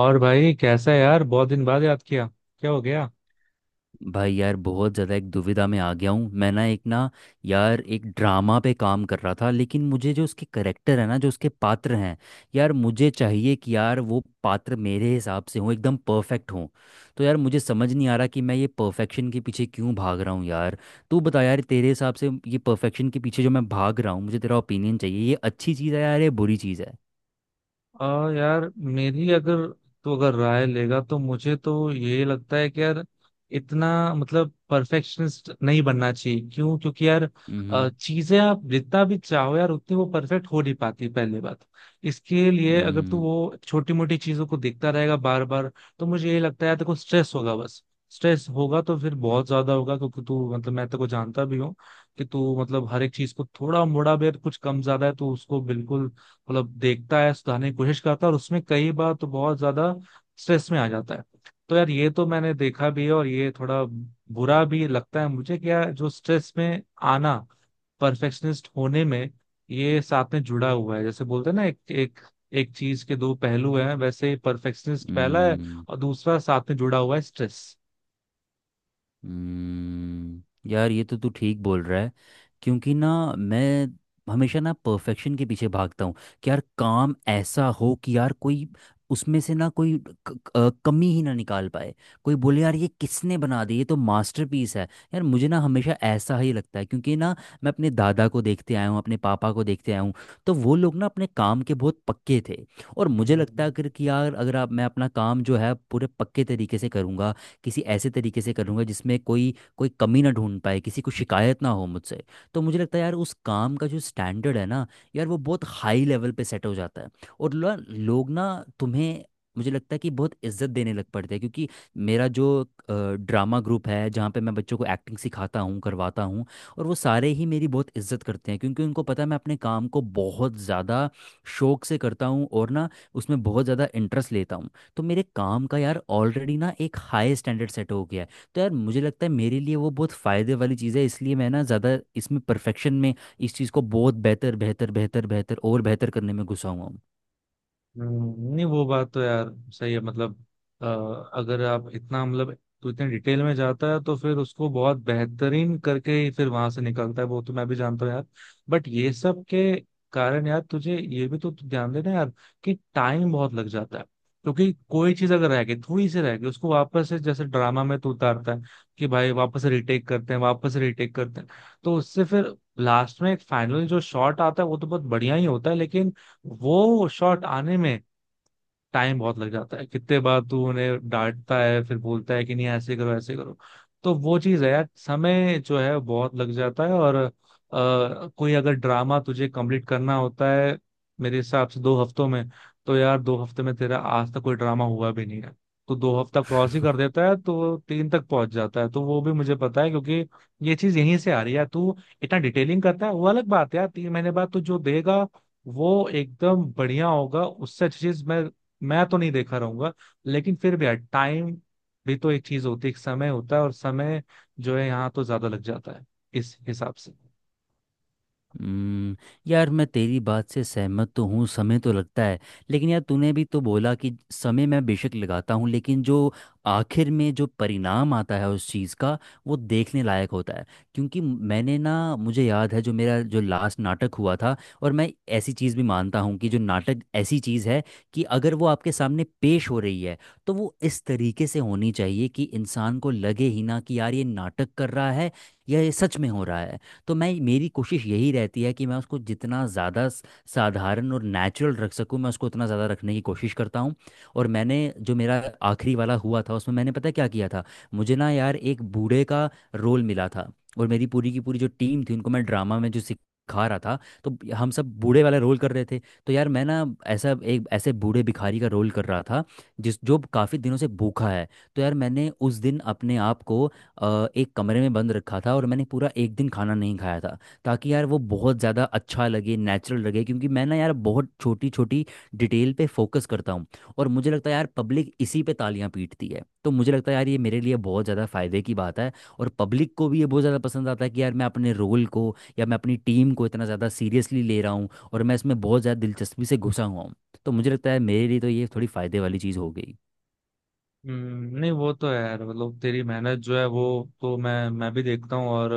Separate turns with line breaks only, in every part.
और भाई कैसा है यार, बहुत दिन बाद याद किया। क्या हो गया।
भाई यार बहुत ज़्यादा एक दुविधा में आ गया हूँ। मैं ना एक ना यार एक ड्रामा पे काम कर रहा था, लेकिन मुझे जो उसके करेक्टर है ना, जो उसके पात्र हैं, यार मुझे चाहिए कि यार वो पात्र मेरे हिसाब से हों, एकदम परफेक्ट हों। तो यार मुझे समझ नहीं आ रहा कि मैं ये परफेक्शन के पीछे क्यों भाग रहा हूँ यार। तू बता यार, तेरे हिसाब से ये परफेक्शन के पीछे जो मैं भाग रहा हूँ, मुझे तेरा ओपिनियन चाहिए। ये अच्छी चीज़ है यार, ये बुरी चीज़ है?
यार मेरी अगर तो अगर राय लेगा तो मुझे तो ये लगता है कि यार इतना मतलब परफेक्शनिस्ट नहीं बनना चाहिए। क्यों? क्योंकि यार
हम्म
चीजें आप जितना भी चाहो यार उतनी वो परफेक्ट हो नहीं पाती। पहली बात, इसके लिए अगर तू
हम्म
वो छोटी मोटी चीजों को देखता रहेगा बार बार तो मुझे ये लगता है यार तेको स्ट्रेस होगा बस। स्ट्रेस होगा तो फिर बहुत ज्यादा होगा, क्योंकि तू मतलब मैं तेको जानता भी हूँ कि तू मतलब हर एक चीज को थोड़ा मोड़ा भी कुछ कम ज्यादा है तो उसको बिल्कुल मतलब देखता है, सुधारने की कोशिश करता है और उसमें कई बार तो बहुत ज्यादा स्ट्रेस में आ जाता है। तो यार ये तो मैंने देखा भी है और ये थोड़ा बुरा भी लगता है मुझे कि यार जो स्ट्रेस में आना, परफेक्शनिस्ट होने में ये साथ में जुड़ा हुआ है। जैसे बोलते हैं ना, एक एक एक चीज के दो पहलू हैं, वैसे परफेक्शनिस्ट पहला है
हम्म
और दूसरा साथ में जुड़ा हुआ है स्ट्रेस।
हम्म। यार ये तो तू ठीक बोल रहा है। क्योंकि ना मैं हमेशा ना परफेक्शन के पीछे भागता हूँ कि यार काम ऐसा हो कि यार कोई उसमें से ना कोई कमी ही ना निकाल पाए। कोई बोले यार ये किसने बना दी, ये तो मास्टरपीस है। यार मुझे ना हमेशा ऐसा ही लगता है, क्योंकि ना मैं अपने दादा को देखते आया हूँ, अपने पापा को देखते आया हूँ। तो वो लोग ना अपने काम के बहुत पक्के थे। और मुझे लगता
हम्म।
है अगर कि यार, अगर आप, मैं अपना काम जो है पूरे पक्के तरीके से करूँगा, किसी ऐसे तरीके से करूँगा जिसमें कोई कोई कमी ना ढूंढ पाए, किसी को शिकायत ना हो मुझसे, तो मुझे लगता है यार उस काम का जो स्टैंडर्ड है ना, यार वो बहुत हाई लेवल पे सेट हो जाता है। और लोग ना तुम्हें, मुझे लगता है कि बहुत इज्जत देने लग पड़ते हैं। क्योंकि मेरा जो ड्रामा ग्रुप है, जहाँ पे मैं बच्चों को एक्टिंग सिखाता हूँ, करवाता हूँ, और वो सारे ही मेरी बहुत इज्जत करते हैं, क्योंकि उनको पता है मैं अपने काम को बहुत ज़्यादा शौक से करता हूँ और ना उसमें बहुत ज़्यादा इंटरेस्ट लेता हूँ। तो मेरे काम का यार ऑलरेडी ना एक हाई स्टैंडर्ड सेट हो गया है। तो यार मुझे लगता है मेरे लिए वो बहुत फ़ायदे वाली चीज़ है, इसलिए मैं ना ज़्यादा इसमें परफेक्शन में, इस चीज़ को बहुत बेहतर बेहतर बेहतर बेहतर और बेहतर करने में घुसा हुआ हूँ।
नहीं वो बात तो यार सही है। मतलब अ, अगर आप इतना, मतलब तो इतने डिटेल में जाता है तो फिर उसको बहुत बेहतरीन करके ही फिर वहां से निकलता है, वो तो मैं भी जानता हूँ यार। बट ये सब के कारण यार तुझे ये भी तो ध्यान देना यार, कि टाइम बहुत लग जाता है। क्योंकि कोई चीज अगर रह गई, थोड़ी सी रह गई, उसको वापस से जैसे ड्रामा में तो उतारता है कि भाई वापस रिटेक करते हैं, वापस रिटेक करते हैं। तो उससे फिर लास्ट में एक फाइनल जो शॉट आता है वो तो बहुत बढ़िया ही होता है, लेकिन वो शॉट आने में टाइम बहुत लग जाता है, कितने बार तू उन्हें डांटता है, फिर बोलता है कि नहीं ऐसे करो ऐसे करो। तो वो चीज है यार, समय जो है बहुत लग जाता है। और कोई अगर ड्रामा तुझे कंप्लीट करना होता है मेरे हिसाब से 2 हफ्तों में, तो यार 2 हफ्ते में तेरा आज तक कोई ड्रामा हुआ भी नहीं है। तो 2 हफ्ता क्रॉस ही कर देता है तो तीन तक पहुंच जाता है, तो वो भी मुझे पता है क्योंकि ये चीज यहीं से आ रही है। तू इतना डिटेलिंग करता है वो अलग बात है यार, 3 महीने बाद तू जो देगा वो एकदम बढ़िया होगा, उससे अच्छी चीज मैं तो नहीं देखा रहूंगा। लेकिन फिर भी यार, टाइम भी तो एक चीज होती है, एक समय होता है और समय जो है यहाँ तो ज्यादा लग जाता है, इस हिसाब से।
हम्म। यार मैं तेरी बात से सहमत तो हूँ, समय तो लगता है, लेकिन यार तूने भी तो बोला कि समय मैं बेशक लगाता हूँ, लेकिन जो आखिर में जो परिणाम आता है उस चीज़ का, वो देखने लायक होता है। क्योंकि मैंने ना, मुझे याद है जो मेरा जो लास्ट नाटक हुआ था, और मैं ऐसी चीज़ भी मानता हूँ कि जो नाटक ऐसी चीज़ है कि अगर वो आपके सामने पेश हो रही है, तो वो इस तरीके से होनी चाहिए कि इंसान को लगे ही ना कि यार ये नाटक कर रहा है या ये सच में हो रहा है। तो मैं, मेरी कोशिश यही रहती है कि मैं उसको जितना ज़्यादा साधारण और नेचुरल रख सकूँ, मैं उसको उतना ज़्यादा रखने की कोशिश करता हूँ। और मैंने जो मेरा आखिरी वाला हुआ था, उसमें मैंने पता है क्या किया था। मुझे ना यार एक बूढ़े का रोल मिला था, और मेरी पूरी की पूरी जो टीम थी, उनको मैं ड्रामा में जो सिखा रहा था, तो हम सब बूढ़े वाला रोल कर रहे थे। तो यार मैं ना ऐसा, एक ऐसे बूढ़े भिखारी का रोल कर रहा था जिस, जो काफ़ी दिनों से भूखा है। तो यार मैंने उस दिन अपने आप को एक कमरे में बंद रखा था और मैंने पूरा एक दिन खाना नहीं खाया था, ताकि यार वो बहुत ज़्यादा अच्छा लगे, नेचुरल लगे। क्योंकि मैं ना यार बहुत छोटी छोटी डिटेल पे फोकस करता हूँ। और मुझे लगता है यार पब्लिक इसी पे तालियां पीटती है, तो मुझे लगता है यार ये मेरे लिए बहुत ज़्यादा फ़ायदे की बात है। और पब्लिक को भी ये बहुत ज़्यादा पसंद आता है कि यार मैं अपने रोल को या मैं अपनी टीम को इतना ज़्यादा सीरियसली ले रहा हूँ और मैं इसमें बहुत ज़्यादा दिलचस्पी से घुसा हुआ हूँ। तो मुझे लगता है मेरे लिए तो ये थोड़ी फ़ायदे वाली चीज़ हो गई।
नहीं वो तो है यार मतलब, तेरी मेहनत जो है वो तो मैं भी देखता हूँ। और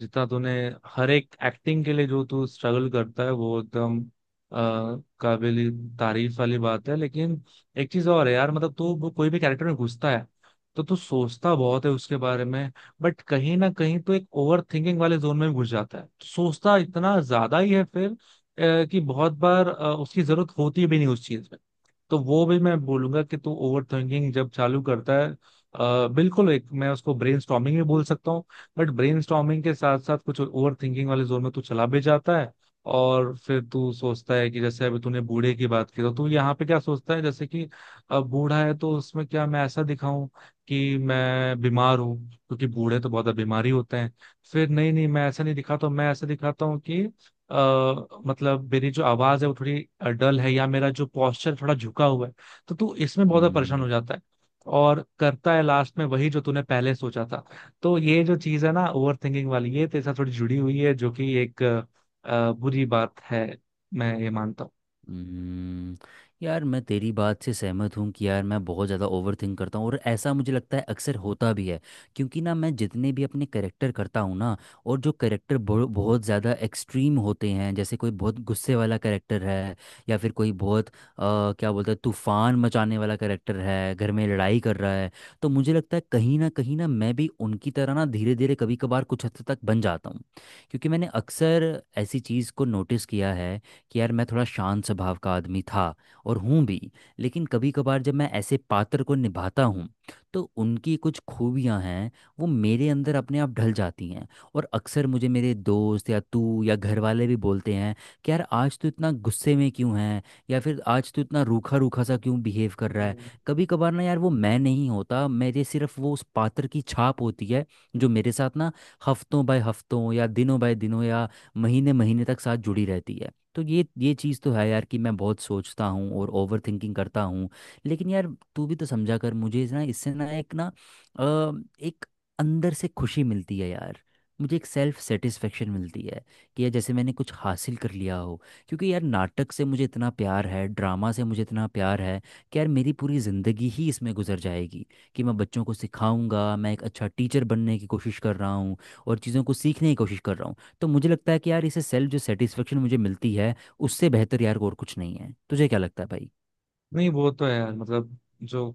जितना तूने हर एक एक्टिंग के लिए जो तू स्ट्रगल करता है वो एकदम काबिल तारीफ वाली बात है। लेकिन एक चीज और है यार, मतलब तू वो कोई भी कैरेक्टर में घुसता है तो तू सोचता बहुत है उसके बारे में। बट कहीं ना कहीं तो एक ओवर थिंकिंग वाले जोन में भी घुस जाता है, तो सोचता इतना ज्यादा ही है फिर कि बहुत बार उसकी जरूरत होती भी नहीं उस चीज में। तो वो भी मैं बोलूंगा कि तू ओवर थिंकिंग जब चालू करता है, बिल्कुल, एक मैं उसको ब्रेन स्टॉर्मिंग भी बोल सकता हूँ। बट ब्रेन स्टॉर्मिंग के साथ साथ कुछ ओवर थिंकिंग वाले जोन में तू चला भी जाता है। और फिर तू सोचता है कि जैसे अभी तूने बूढ़े की बात की, तो तू यहाँ पे क्या सोचता है जैसे कि बूढ़ा है तो उसमें क्या मैं ऐसा दिखाऊं कि मैं बीमार हूँ, क्योंकि बूढ़े तो बहुत बीमारी होते हैं। फिर नहीं नहीं, मैं ऐसा नहीं दिखाता हूं, मैं ऐसा दिखाता हूँ कि मतलब मेरी जो आवाज है वो थोड़ी डल है, या मेरा जो पोस्चर थोड़ा झुका हुआ है। तो तू इसमें बहुत ज्यादा परेशान
हम्म।
हो जाता है, और करता है लास्ट में वही जो तूने पहले सोचा था। तो ये जो चीज है ना, ओवर थिंकिंग वाली, ये तेरे साथ थोड़ी जुड़ी हुई है, जो कि एक बुरी बात है, मैं ये मानता
हम्म, यार मैं तेरी बात से सहमत हूँ कि यार मैं बहुत ज़्यादा ओवर थिंक करता हूँ, और ऐसा मुझे लगता है अक्सर होता भी है। क्योंकि ना मैं जितने भी अपने करेक्टर करता हूँ ना, और जो करेक्टर बहुत ज़्यादा एक्सट्रीम होते हैं, जैसे कोई बहुत गुस्से वाला करेक्टर है, या फिर कोई बहुत क्या बोलते हैं, तूफान मचाने वाला करेक्टर है, घर में लड़ाई कर रहा है, तो मुझे लगता है कहीं ना मैं भी उनकी तरह ना धीरे धीरे कभी कभार कुछ हद तक बन जाता हूँ। क्योंकि मैंने अक्सर ऐसी चीज़ को नोटिस किया है कि यार मैं थोड़ा शांत स्वभाव का आदमी था और हूँ भी, लेकिन कभी कभार जब मैं ऐसे पात्र को निभाता हूँ, तो उनकी कुछ खूबियाँ हैं, वो मेरे अंदर अपने आप ढल जाती हैं। और अक्सर मुझे मेरे दोस्त या तू या घर वाले भी बोलते हैं कि यार आज तू इतना गुस्से में क्यों है, या फिर आज तू इतना रूखा रूखा सा क्यों बिहेव कर रहा है।
हूँ।
कभी कभार ना यार वो मैं नहीं होता, मेरे सिर्फ वो उस पात्र की छाप होती है जो मेरे साथ ना हफ्तों बाय हफ्तों या दिनों बाय दिनों या महीने महीने तक साथ जुड़ी रहती है। तो ये चीज़ तो है यार कि मैं बहुत सोचता हूँ और ओवर थिंकिंग करता हूँ। लेकिन यार तू भी तो समझा कर मुझे ना, इससे ना एक ना अ, एक अंदर से खुशी मिलती है यार, मुझे एक सेल्फ सेटिस्फेक्शन मिलती है, कि यार जैसे मैंने कुछ हासिल कर लिया हो। क्योंकि यार नाटक से मुझे इतना प्यार है, ड्रामा से मुझे इतना प्यार है कि यार मेरी पूरी ज़िंदगी ही इसमें गुजर जाएगी। कि मैं बच्चों को सिखाऊंगा, मैं एक अच्छा टीचर बनने की कोशिश कर रहा हूँ और चीज़ों को सीखने की कोशिश कर रहा हूँ। तो मुझे लगता है कि यार इसे सेल्फ जो सेटिस्फेक्शन मुझे मिलती है, उससे बेहतर यार और कुछ नहीं है। तुझे क्या लगता है भाई?
नहीं वो तो है यार, मतलब जो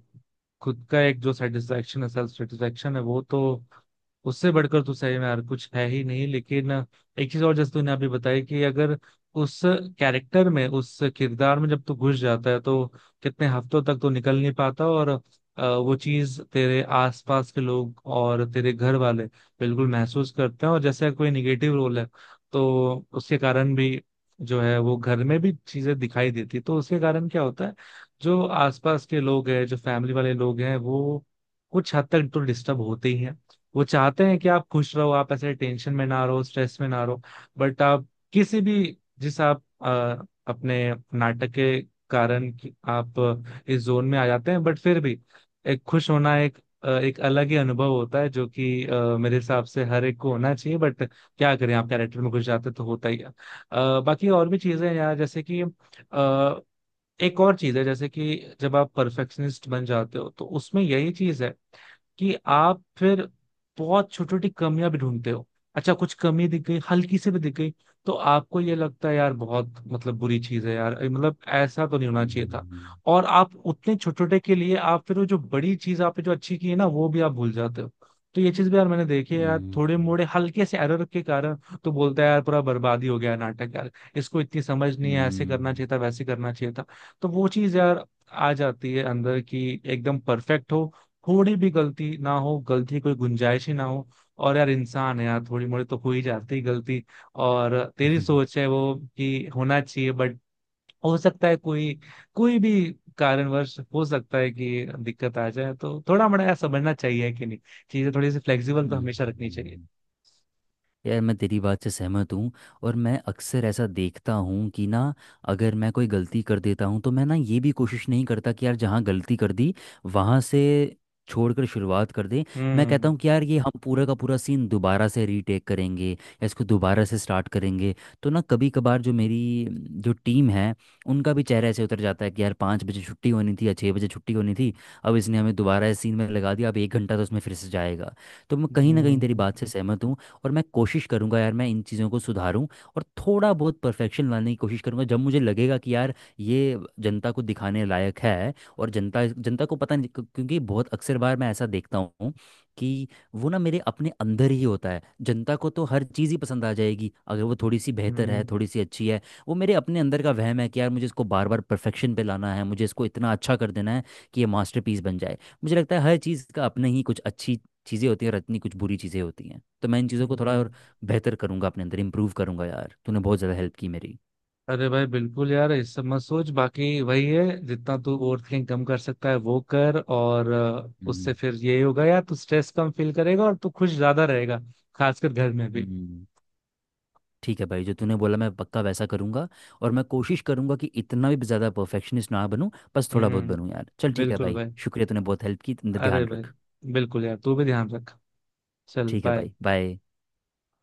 खुद का एक जो सेटिस्फेक्शन है, सेल्फ सेटिस्फेक्शन है, वो तो उससे बढ़कर तो सही में यार कुछ है ही नहीं। लेकिन एक चीज और, जैसे तूने अभी बताई कि अगर उस कैरेक्टर में, उस किरदार में जब तू घुस जाता है तो कितने हफ्तों तक तो निकल नहीं पाता, और वो चीज तेरे आसपास के लोग और तेरे घर वाले बिल्कुल महसूस करते हैं। और जैसे कोई निगेटिव रोल है, तो उसके कारण भी जो है वो घर में भी चीजें दिखाई देती, तो उसके कारण क्या होता है, जो आसपास के लोग हैं, जो फैमिली वाले लोग हैं, वो कुछ हद तक तो डिस्टर्ब होते ही हैं। वो चाहते हैं कि आप खुश रहो, आप ऐसे टेंशन में ना रहो, स्ट्रेस में ना रहो। बट आप किसी भी, जिस आप अपने नाटक के कारण कि आप इस जोन में आ जाते हैं। बट फिर भी, एक खुश होना एक एक अलग ही अनुभव होता है, जो कि मेरे हिसाब से हर एक को होना चाहिए। बट क्या करें, आप कैरेक्टर में घुस जाते तो होता ही है। बाकी और भी चीजें हैं यार, जैसे कि अ, एक और चीज है जैसे कि जब आप परफेक्शनिस्ट बन जाते हो, तो उसमें यही चीज है कि आप फिर बहुत छोटी छोटी कमियां भी ढूंढते हो। अच्छा कुछ कमी दिख गई, हल्की से भी दिख गई, तो आपको ये लगता है यार, बहुत मतलब बुरी चीज है यार ये, मतलब ऐसा तो नहीं होना चाहिए था।
हम्म,
और आप उतने छोटे छोटे के लिए आप फिर वो जो बड़ी चीज आपने जो अच्छी की है ना, वो भी आप भूल जाते हो। तो ये चीज भी यार मैंने देखी है यार, थोड़े
हम्म
मोड़े हल्के से एरर के कारण तो बोलता है यार पूरा बर्बादी हो गया नाटक यार, इसको इतनी समझ नहीं है, ऐसे करना
हम्म
चाहिए था वैसे करना चाहिए था। तो वो चीज यार आ जाती है अंदर की, एकदम परफेक्ट हो, थोड़ी भी गलती ना हो, गलती की कोई गुंजाइश ही ना हो। और यार इंसान है यार, थोड़ी मोड़ी तो हो ही जाती है गलती। और तेरी
हम्म,
सोच है वो कि होना चाहिए, बट हो सकता है कोई, कोई भी कारणवश हो सकता है कि दिक्कत आ जाए, तो थोड़ा मोड़ा यार समझना चाहिए कि नहीं, चीजें थोड़ी सी फ्लेक्सिबल तो
हम्म,
हमेशा रखनी चाहिए।
हम्म, यार मैं तेरी बात से सहमत हूँ। और मैं अक्सर ऐसा देखता हूँ कि ना, अगर मैं कोई गलती कर देता हूँ, तो मैं ना ये भी कोशिश नहीं करता कि यार जहाँ गलती कर दी, वहाँ से छोड़कर शुरुआत कर दें। मैं कहता
हम्म,
हूँ कि यार ये हम पूरा का पूरा सीन दोबारा से रीटेक करेंगे या इसको दोबारा से स्टार्ट करेंगे। तो ना कभी कभार जो मेरी जो टीम है, उनका भी चेहरा ऐसे उतर जाता है कि यार पाँच बजे छुट्टी होनी थी या छः बजे छुट्टी होनी थी, अब इसने हमें दोबारा इस सीन में लगा दिया, अब एक घंटा तो उसमें फिर से जाएगा। तो मैं कहीं ना कहीं तेरी
हम्म,
बात से सहमत हूँ। और मैं कोशिश करूंगा यार मैं इन चीज़ों को सुधारूं, और थोड़ा बहुत परफेक्शन लाने की कोशिश करूंगा जब मुझे लगेगा कि यार ये जनता को दिखाने लायक है। और जनता जनता को पता नहीं क्यों- क्योंकि बहुत अक्सर बार मैं ऐसा देखता हूँ कि वो ना मेरे अपने अंदर ही होता है। जनता को तो हर चीज़ ही पसंद आ जाएगी, अगर वो थोड़ी सी बेहतर है,
हम्म,
थोड़ी सी अच्छी है। वो मेरे अपने अंदर का वहम है कि यार मुझे इसको बार बार परफेक्शन पे लाना है, मुझे इसको इतना अच्छा कर देना है कि ये मास्टरपीस बन जाए। मुझे लगता है हर चीज़ का अपने ही कुछ अच्छी चीज़ें होती हैं और इतनी कुछ बुरी चीज़ें होती हैं, तो मैं इन चीज़ों को थोड़ा
हम्म।
और बेहतर करूँगा, अपने अंदर इम्प्रूव करूँगा। यार तूने बहुत ज़्यादा हेल्प की मेरी।
अरे भाई बिल्कुल यार, इस सब मत सोच। बाकी वही है, जितना तू ओवर थिंकिंग कम कर सकता है वो कर, और उससे
हम्म
फिर यही होगा यार, तू स्ट्रेस कम फील करेगा और तू खुश ज्यादा रहेगा, खासकर घर में भी।
हम्म, ठीक है भाई, जो तूने बोला मैं पक्का वैसा करूँगा। और मैं कोशिश करूँगा कि इतना भी ज़्यादा परफेक्शनिस्ट ना बनूँ, बस थोड़ा बहुत
हम्म,
बनूँ। यार चल ठीक है
बिल्कुल
भाई,
भाई।
शुक्रिया, तूने बहुत हेल्प की। अपना
अरे
ध्यान
भाई,
रख।
बिल्कुल यार तू भी ध्यान रख। चल
ठीक है
बाय।
भाई बाय।